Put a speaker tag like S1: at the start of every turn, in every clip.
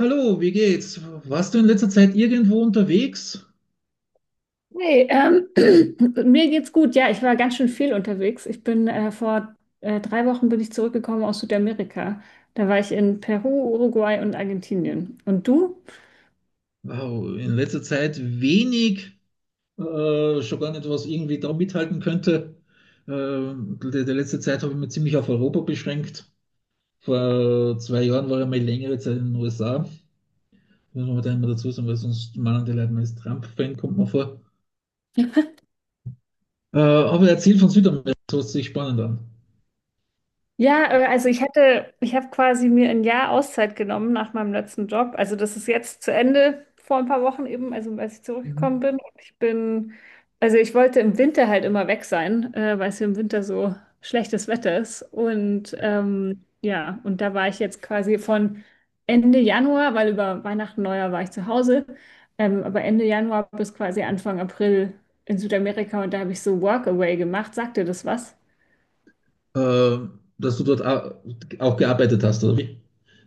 S1: Hallo, wie geht's? Warst du in letzter Zeit irgendwo unterwegs?
S2: Hey, mir geht's gut. Ja, ich war ganz schön viel unterwegs. Ich bin vor 3 Wochen bin ich zurückgekommen aus Südamerika. Da war ich in Peru, Uruguay und Argentinien. Und du?
S1: Wow, in letzter Zeit wenig, schon gar nicht, was irgendwie da mithalten könnte. Die letzte Zeit habe ich mich ziemlich auf Europa beschränkt. Vor zwei Jahren war ich mal längere Zeit in den USA. Muss man da immer dazu sagen, weil sonst meinen die Leute, man ist Trump-Fan, kommt man vor. Aber erzähl von Südamerika, das hört sich spannend an.
S2: Ja, also ich habe quasi mir ein Jahr Auszeit genommen nach meinem letzten Job. Also das ist jetzt zu Ende vor ein paar Wochen eben, also als ich
S1: Mhm.
S2: zurückgekommen bin. Also ich wollte im Winter halt immer weg sein, weil es hier im Winter so schlechtes Wetter ist. Und ja, und da war ich jetzt quasi von Ende Januar, weil über Weihnachten, Neujahr war ich zu Hause, aber Ende Januar bis quasi Anfang April in Südamerika und da habe ich so Workaway gemacht. Sagt dir das was?
S1: Äh, Dass du dort auch gearbeitet hast, oder wie?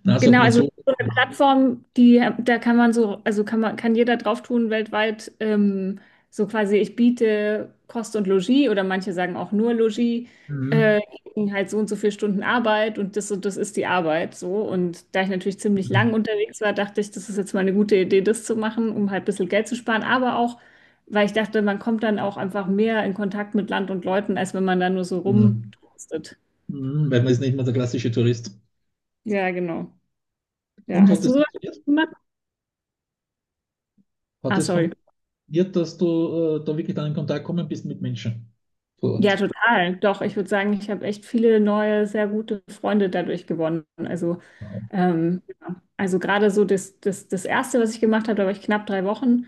S1: Na, sagt
S2: Genau,
S1: man
S2: also
S1: so.
S2: so eine Plattform, die, da kann man so, also kann man, kann jeder drauf tun weltweit, so quasi, ich biete Kost und Logis oder manche sagen auch nur Logis,
S1: Mhm.
S2: gegen halt so und so viele Stunden Arbeit und das ist die Arbeit so. Und da ich natürlich ziemlich lang
S1: Mhm.
S2: unterwegs war, dachte ich, das ist jetzt mal eine gute Idee, das zu machen, um halt ein bisschen Geld zu sparen, aber auch, weil ich dachte, man kommt dann auch einfach mehr in Kontakt mit Land und Leuten, als wenn man da nur so
S1: Genau.
S2: rumtrostet.
S1: Mhm, weil man ist nicht mehr der klassische Tourist.
S2: Ja, genau. Ja,
S1: Und hat
S2: hast du
S1: es
S2: sowas
S1: funktioniert?
S2: gemacht?
S1: Hat
S2: Ah,
S1: es
S2: sorry.
S1: funktioniert, dass du da wirklich dann in Kontakt gekommen bist mit Menschen vor
S2: Ja,
S1: Ort?
S2: total. Doch, ich würde sagen, ich habe echt viele neue, sehr gute Freunde dadurch gewonnen. Also,
S1: Ja.
S2: ja. Also gerade so das Erste, was ich gemacht habe, da war ich knapp 3 Wochen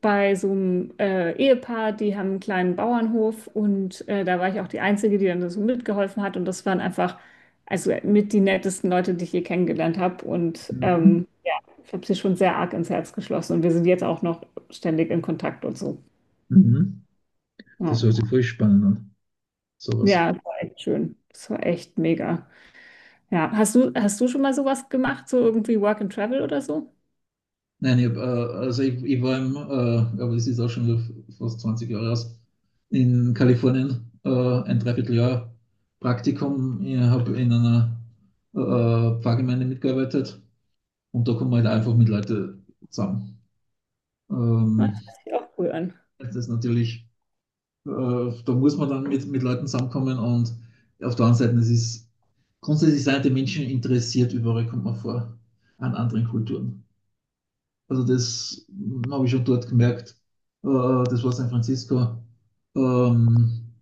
S2: bei so einem Ehepaar, die haben einen kleinen Bauernhof und da war ich auch die Einzige, die dann so mitgeholfen hat und das waren einfach, also mit die nettesten Leute, die ich je kennengelernt habe und
S1: Mhm.
S2: ja, ich habe sie schon sehr arg ins Herz geschlossen und wir sind jetzt auch noch ständig in Kontakt und so.
S1: Mhm.
S2: Ja.
S1: Das hört sich voll spannend an, sowas.
S2: Ja, das war echt schön. Das war echt mega. Ja, hast du schon mal sowas gemacht, so irgendwie Work and Travel oder so?
S1: Nein, ich hab, also ich war im, aber das ist auch schon wieder fast 20 Jahre aus, in Kalifornien ein Dreivierteljahr Praktikum. Ich habe in einer Pfarrgemeinde mitgearbeitet und da kommt man halt einfach mit Leuten zusammen.
S2: Ja,
S1: Ähm,
S2: das hört sich auch cool an.
S1: Das ist natürlich, da muss man dann mit Leuten zusammenkommen und auf der anderen Seite, es ist grundsätzlich sind die Menschen interessiert, überall kommt man vor, an anderen Kulturen. Also das habe ich schon dort gemerkt. Äh, Das war San Francisco. Ähm,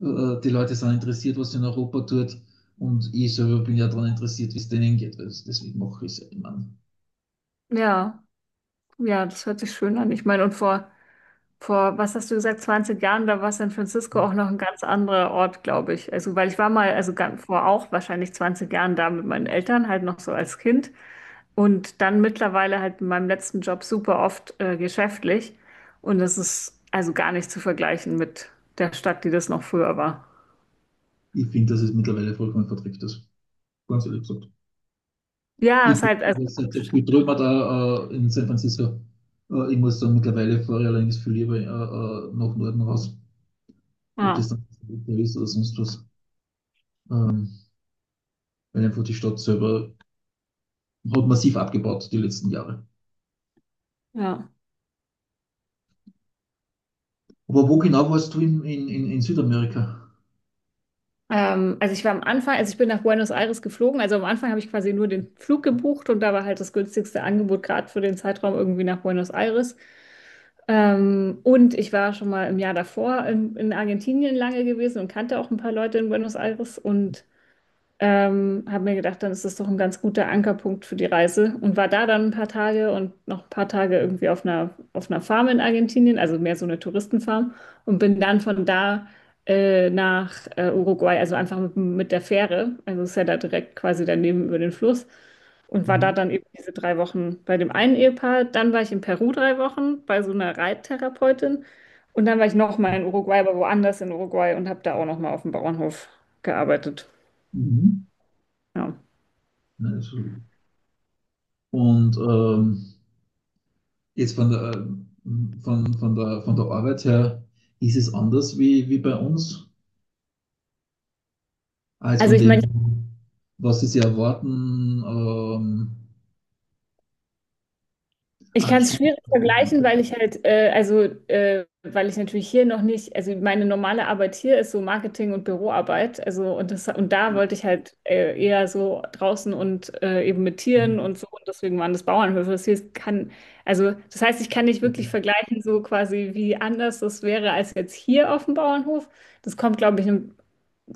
S1: Die Leute sind interessiert, was in Europa tut. Und ich selber bin ja daran interessiert, wie es denen geht. Also deswegen mache ich es.
S2: Ja, ja, das hört sich schön an. Ich meine, und vor, was hast du gesagt, 20 Jahren, da war San Francisco auch noch ein ganz anderer Ort, glaube ich. Also, weil ich war mal, also ganz, vor auch wahrscheinlich 20 Jahren da mit meinen Eltern, halt noch so als Kind. Und dann mittlerweile halt in meinem letzten Job super oft geschäftlich. Und das ist also gar nicht zu vergleichen mit der Stadt, die das noch früher war.
S1: Ich finde, dass es mittlerweile vollkommen verträgt ist. Ganz ehrlich gesagt.
S2: Ja, es
S1: Ich
S2: ist halt, also,
S1: glaube, seit der viel drüber da in San Francisco. Ich muss dann mittlerweile fahre ich allerdings viel lieber nach Norden raus, ob das
S2: ah,
S1: dann ist oder sonst was. Ähm, Weil einfach die Stadt selber hat massiv abgebaut die letzten Jahre.
S2: ja.
S1: Aber wo genau warst du in Südamerika?
S2: Also ich war am Anfang, also ich bin nach Buenos Aires geflogen, also am Anfang habe ich quasi nur den Flug gebucht und da war halt das günstigste Angebot gerade für den Zeitraum irgendwie nach Buenos Aires. Und ich war schon mal im Jahr davor in Argentinien lange gewesen und kannte auch ein paar Leute in Buenos Aires und habe mir gedacht, dann ist das doch ein ganz guter Ankerpunkt für die Reise und war da dann ein paar Tage und noch ein paar Tage irgendwie auf einer, Farm in Argentinien, also mehr so eine Touristenfarm und bin dann von da nach Uruguay, also einfach mit der Fähre, also ist ja da direkt quasi daneben über den Fluss und war da
S1: Mhm.
S2: dann eben diese 3 Wochen bei dem einen Ehepaar, dann war ich in Peru 3 Wochen bei so einer Reittherapeutin und dann war ich nochmal in Uruguay, aber woanders in Uruguay und habe da auch nochmal auf dem Bauernhof gearbeitet.
S1: Mhm.
S2: Ja.
S1: Also, und jetzt von der Arbeit her ist es anders wie, wie bei uns. Als
S2: Also
S1: von
S2: ich meine,
S1: dem, was sie erwarten.
S2: ich kann
S1: Acht
S2: es
S1: Stunden.
S2: schwierig vergleichen, weil ich halt, also weil ich natürlich hier noch nicht, also meine normale Arbeit hier ist so Marketing und Büroarbeit, also und das und da wollte ich halt eher so draußen und eben mit Tieren
S1: Mhm.
S2: und so und deswegen waren das Bauernhöfe. Das hier kann, also das heißt, ich kann nicht wirklich vergleichen, so quasi wie anders das wäre als jetzt hier auf dem Bauernhof. Das kommt, glaube ich, ein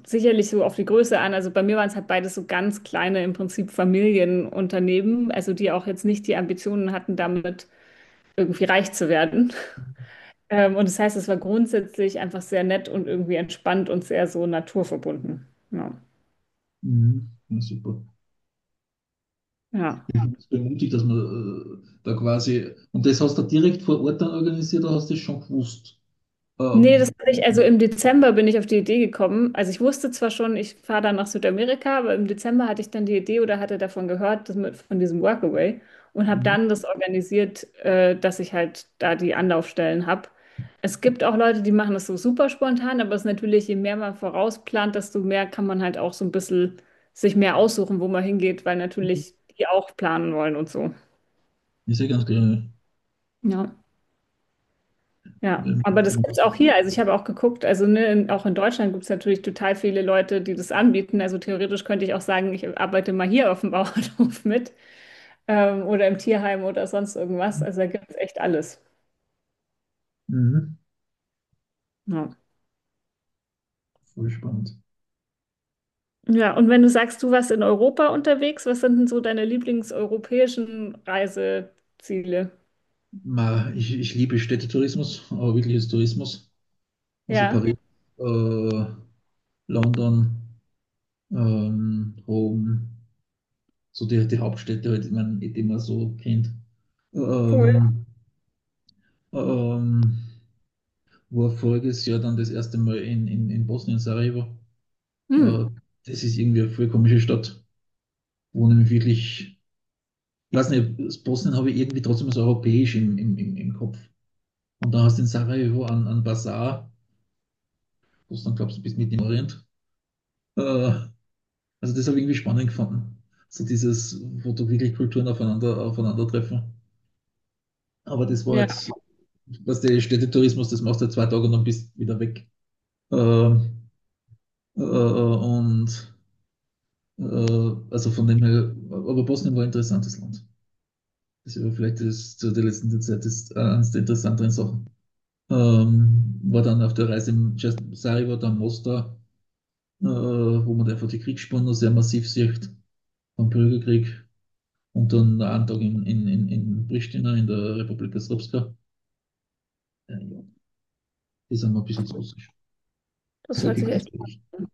S2: sicherlich so auf die Größe an. Also bei mir waren es halt beides so ganz kleine, im Prinzip Familienunternehmen, also die auch jetzt nicht die Ambitionen hatten, damit irgendwie reich zu werden. Und das heißt, es war grundsätzlich einfach sehr nett und irgendwie entspannt und sehr so naturverbunden. Ja.
S1: Ja, super. Ich
S2: Ja.
S1: bin bemutigt, dass man da quasi. Und das hast du direkt vor Ort dann organisiert, oder hast du das schon gewusst? Äh,
S2: Nee, das hatte ich, also im Dezember bin ich auf die Idee gekommen. Also ich wusste zwar schon, ich fahre dann nach Südamerika, aber im Dezember hatte ich dann die Idee oder hatte davon gehört, dass mit, von diesem Workaway und habe
S1: mhm.
S2: dann das organisiert, dass ich halt da die Anlaufstellen habe. Es gibt auch Leute, die machen das so super spontan, aber es ist natürlich, je mehr man vorausplant, desto mehr kann man halt auch so ein bisschen sich mehr aussuchen, wo man hingeht, weil natürlich die auch planen wollen und so.
S1: Ist ja ganz gerne.
S2: Ja. Ja,
S1: Ähm,
S2: aber das gibt's auch hier. Also ich habe auch geguckt, also ne, in, auch in Deutschland gibt's natürlich total viele Leute, die das anbieten. Also theoretisch könnte ich auch sagen, ich arbeite mal hier auf dem Bauernhof mit, oder im Tierheim oder sonst irgendwas. Also da gibt's echt alles.
S1: Mhm.
S2: Ja.
S1: Voll spannend.
S2: Ja, und wenn du sagst, du warst in Europa unterwegs, was sind denn so deine lieblingseuropäischen Reiseziele?
S1: Ich liebe Städtetourismus, aber wirkliches Tourismus. Also
S2: Ja,
S1: Paris, äh, London, Rom. So die Hauptstädte, halt, ich mein, die man so kennt.
S2: cool.
S1: Ähm, ähm, War voriges Jahr dann das erste Mal in Bosnien, Sarajevo. Äh,
S2: Hm.
S1: Das ist irgendwie eine voll komische Stadt, wo nämlich wirklich, ich weiß nicht, Bosnien habe ich irgendwie trotzdem so europäisch im Kopf. Und dann hast du in Sarajevo an Bazar, wo du dann glaubst, du bist mit im Orient. Äh, also das habe ich irgendwie spannend gefunden. So dieses, wo du wirklich Kulturen aufeinandertreffen. Aber das war
S2: Ja,
S1: halt was der Städtetourismus, das machst du halt zwei Tage und dann bist wieder weg. Ähm, und also von dem her, aber Bosnien war ein interessantes Land. Das war vielleicht das, zu der letzten Zeit das, eines der interessanteren Sachen. War dann auf der Reise im Sarajevo, dann Mostar, wo man einfach die Kriegsspuren noch sehr massiv sieht, vom Bürgerkrieg. Und dann einen Tag in Pristina, in der Republika Srpska. Ja, die sind mir ein bisschen zu russisch.
S2: das
S1: Sag
S2: hört
S1: ich
S2: sich
S1: ganz
S2: echt
S1: ehrlich.
S2: an.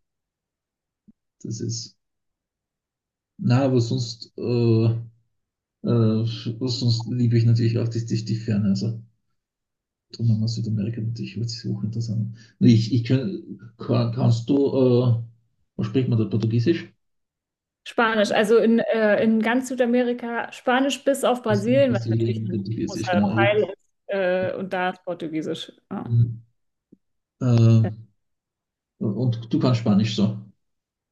S1: Das ist na, aber sonst, sonst liebe ich natürlich auch die Ferne. Also drum haben wir Südamerika natürlich wird sich hochinteressant. Nur ich kann, kannst du, was spricht man da? Portugiesisch?
S2: Spanisch, also in ganz Südamerika Spanisch bis auf
S1: Was in
S2: Brasilien, was natürlich
S1: Brasilien
S2: ein
S1: Portugiesisch,
S2: großer
S1: genau.
S2: Teil ist, und da ist Portugiesisch. Ja,
S1: Mhm. Äh, und du kannst Spanisch so.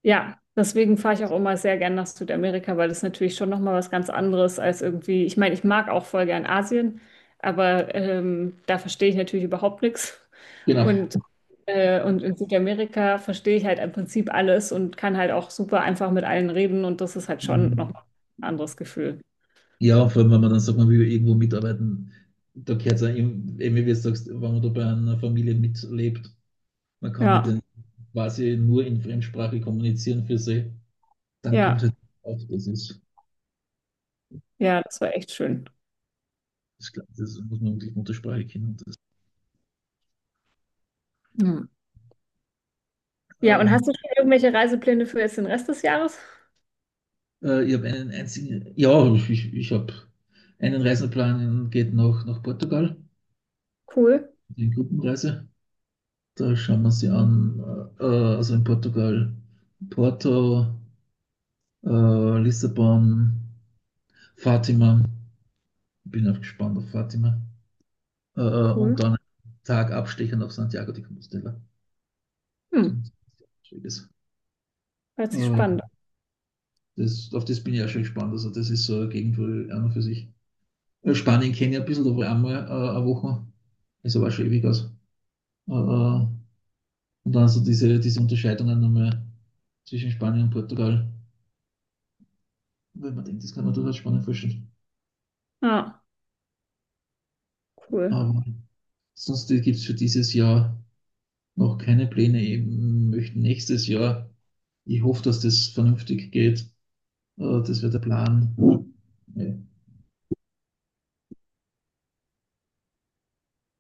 S2: ja deswegen fahre ich auch immer sehr gern nach Südamerika, weil das natürlich schon nochmal was ganz anderes als irgendwie, ich meine, ich mag auch voll gern Asien, aber da verstehe ich natürlich überhaupt nichts.
S1: Genau.
S2: Und, und in Südamerika verstehe ich halt im Prinzip alles und kann halt auch super einfach mit allen reden und das ist halt schon
S1: Mhm.
S2: nochmal ein anderes Gefühl.
S1: Ja, vor allem, wenn man dann sagt, man will irgendwo mitarbeiten, da gehört es eben, wie du sagst, wenn man da bei einer Familie mitlebt. Man kann mit
S2: Ja,
S1: denen quasi nur in Fremdsprache kommunizieren für sie. Dann kommt
S2: ja.
S1: halt auf, das ist,
S2: Ja, das war echt schön.
S1: das, das muss man wirklich Muttersprache kennen. Das,
S2: Hm. Ja, und
S1: ähm,
S2: hast du schon irgendwelche Reisepläne für jetzt den Rest des Jahres?
S1: ich habe einen einzigen, ich habe einen Reiseplan, geht nach Portugal,
S2: Cool,
S1: die Gruppenreise. Da schauen wir sie an, also in Portugal, Porto, Lissabon, Fatima. Ich bin auch gespannt auf Fatima.
S2: cool.
S1: Und dann Tag abstechend auf Santiago de Compostela.
S2: Hm,
S1: Schräges.
S2: hört sich
S1: Äh,
S2: spannend an.
S1: Das, auf das bin ich auch schon gespannt. Also, das ist so eine Gegend, wo ich an und für sich. Spanien kenne ich ein bisschen, da war ich einmal eine Woche. Ist aber auch schon ewig aus. Äh, äh, und dann so diese Unterscheidungen nochmal zwischen Spanien und Portugal. Wenn man denkt, das kann man durchaus spannend vorstellen.
S2: Ah, cool.
S1: Aber sonst gibt es für dieses Jahr noch keine Pläne. Ich möchte nächstes Jahr, ich hoffe, dass das vernünftig geht. Das wäre der Plan. Ja.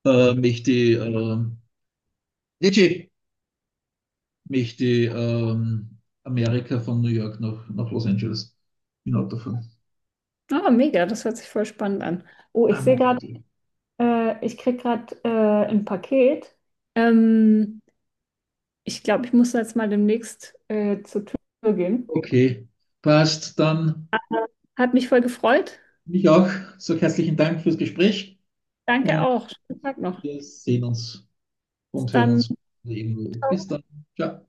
S1: Möchte ich, Legit mich die Amerika von New York nach Los Angeles bin Auto fahren.
S2: Ah, mega, das hört sich voll spannend an. Oh,
S1: Ah,
S2: ich sehe gerade, ich kriege gerade ein Paket. Ähm, ich glaube, ich muss jetzt mal demnächst zur Tür gehen.
S1: okay, passt. Dann
S2: Hat mich voll gefreut.
S1: mich auch. So herzlichen Dank fürs Gespräch
S2: Danke
S1: und
S2: auch. Schönen Tag noch.
S1: wir sehen uns
S2: Bis
S1: und hören
S2: dann.
S1: uns irgendwo. Bis dann. Ciao.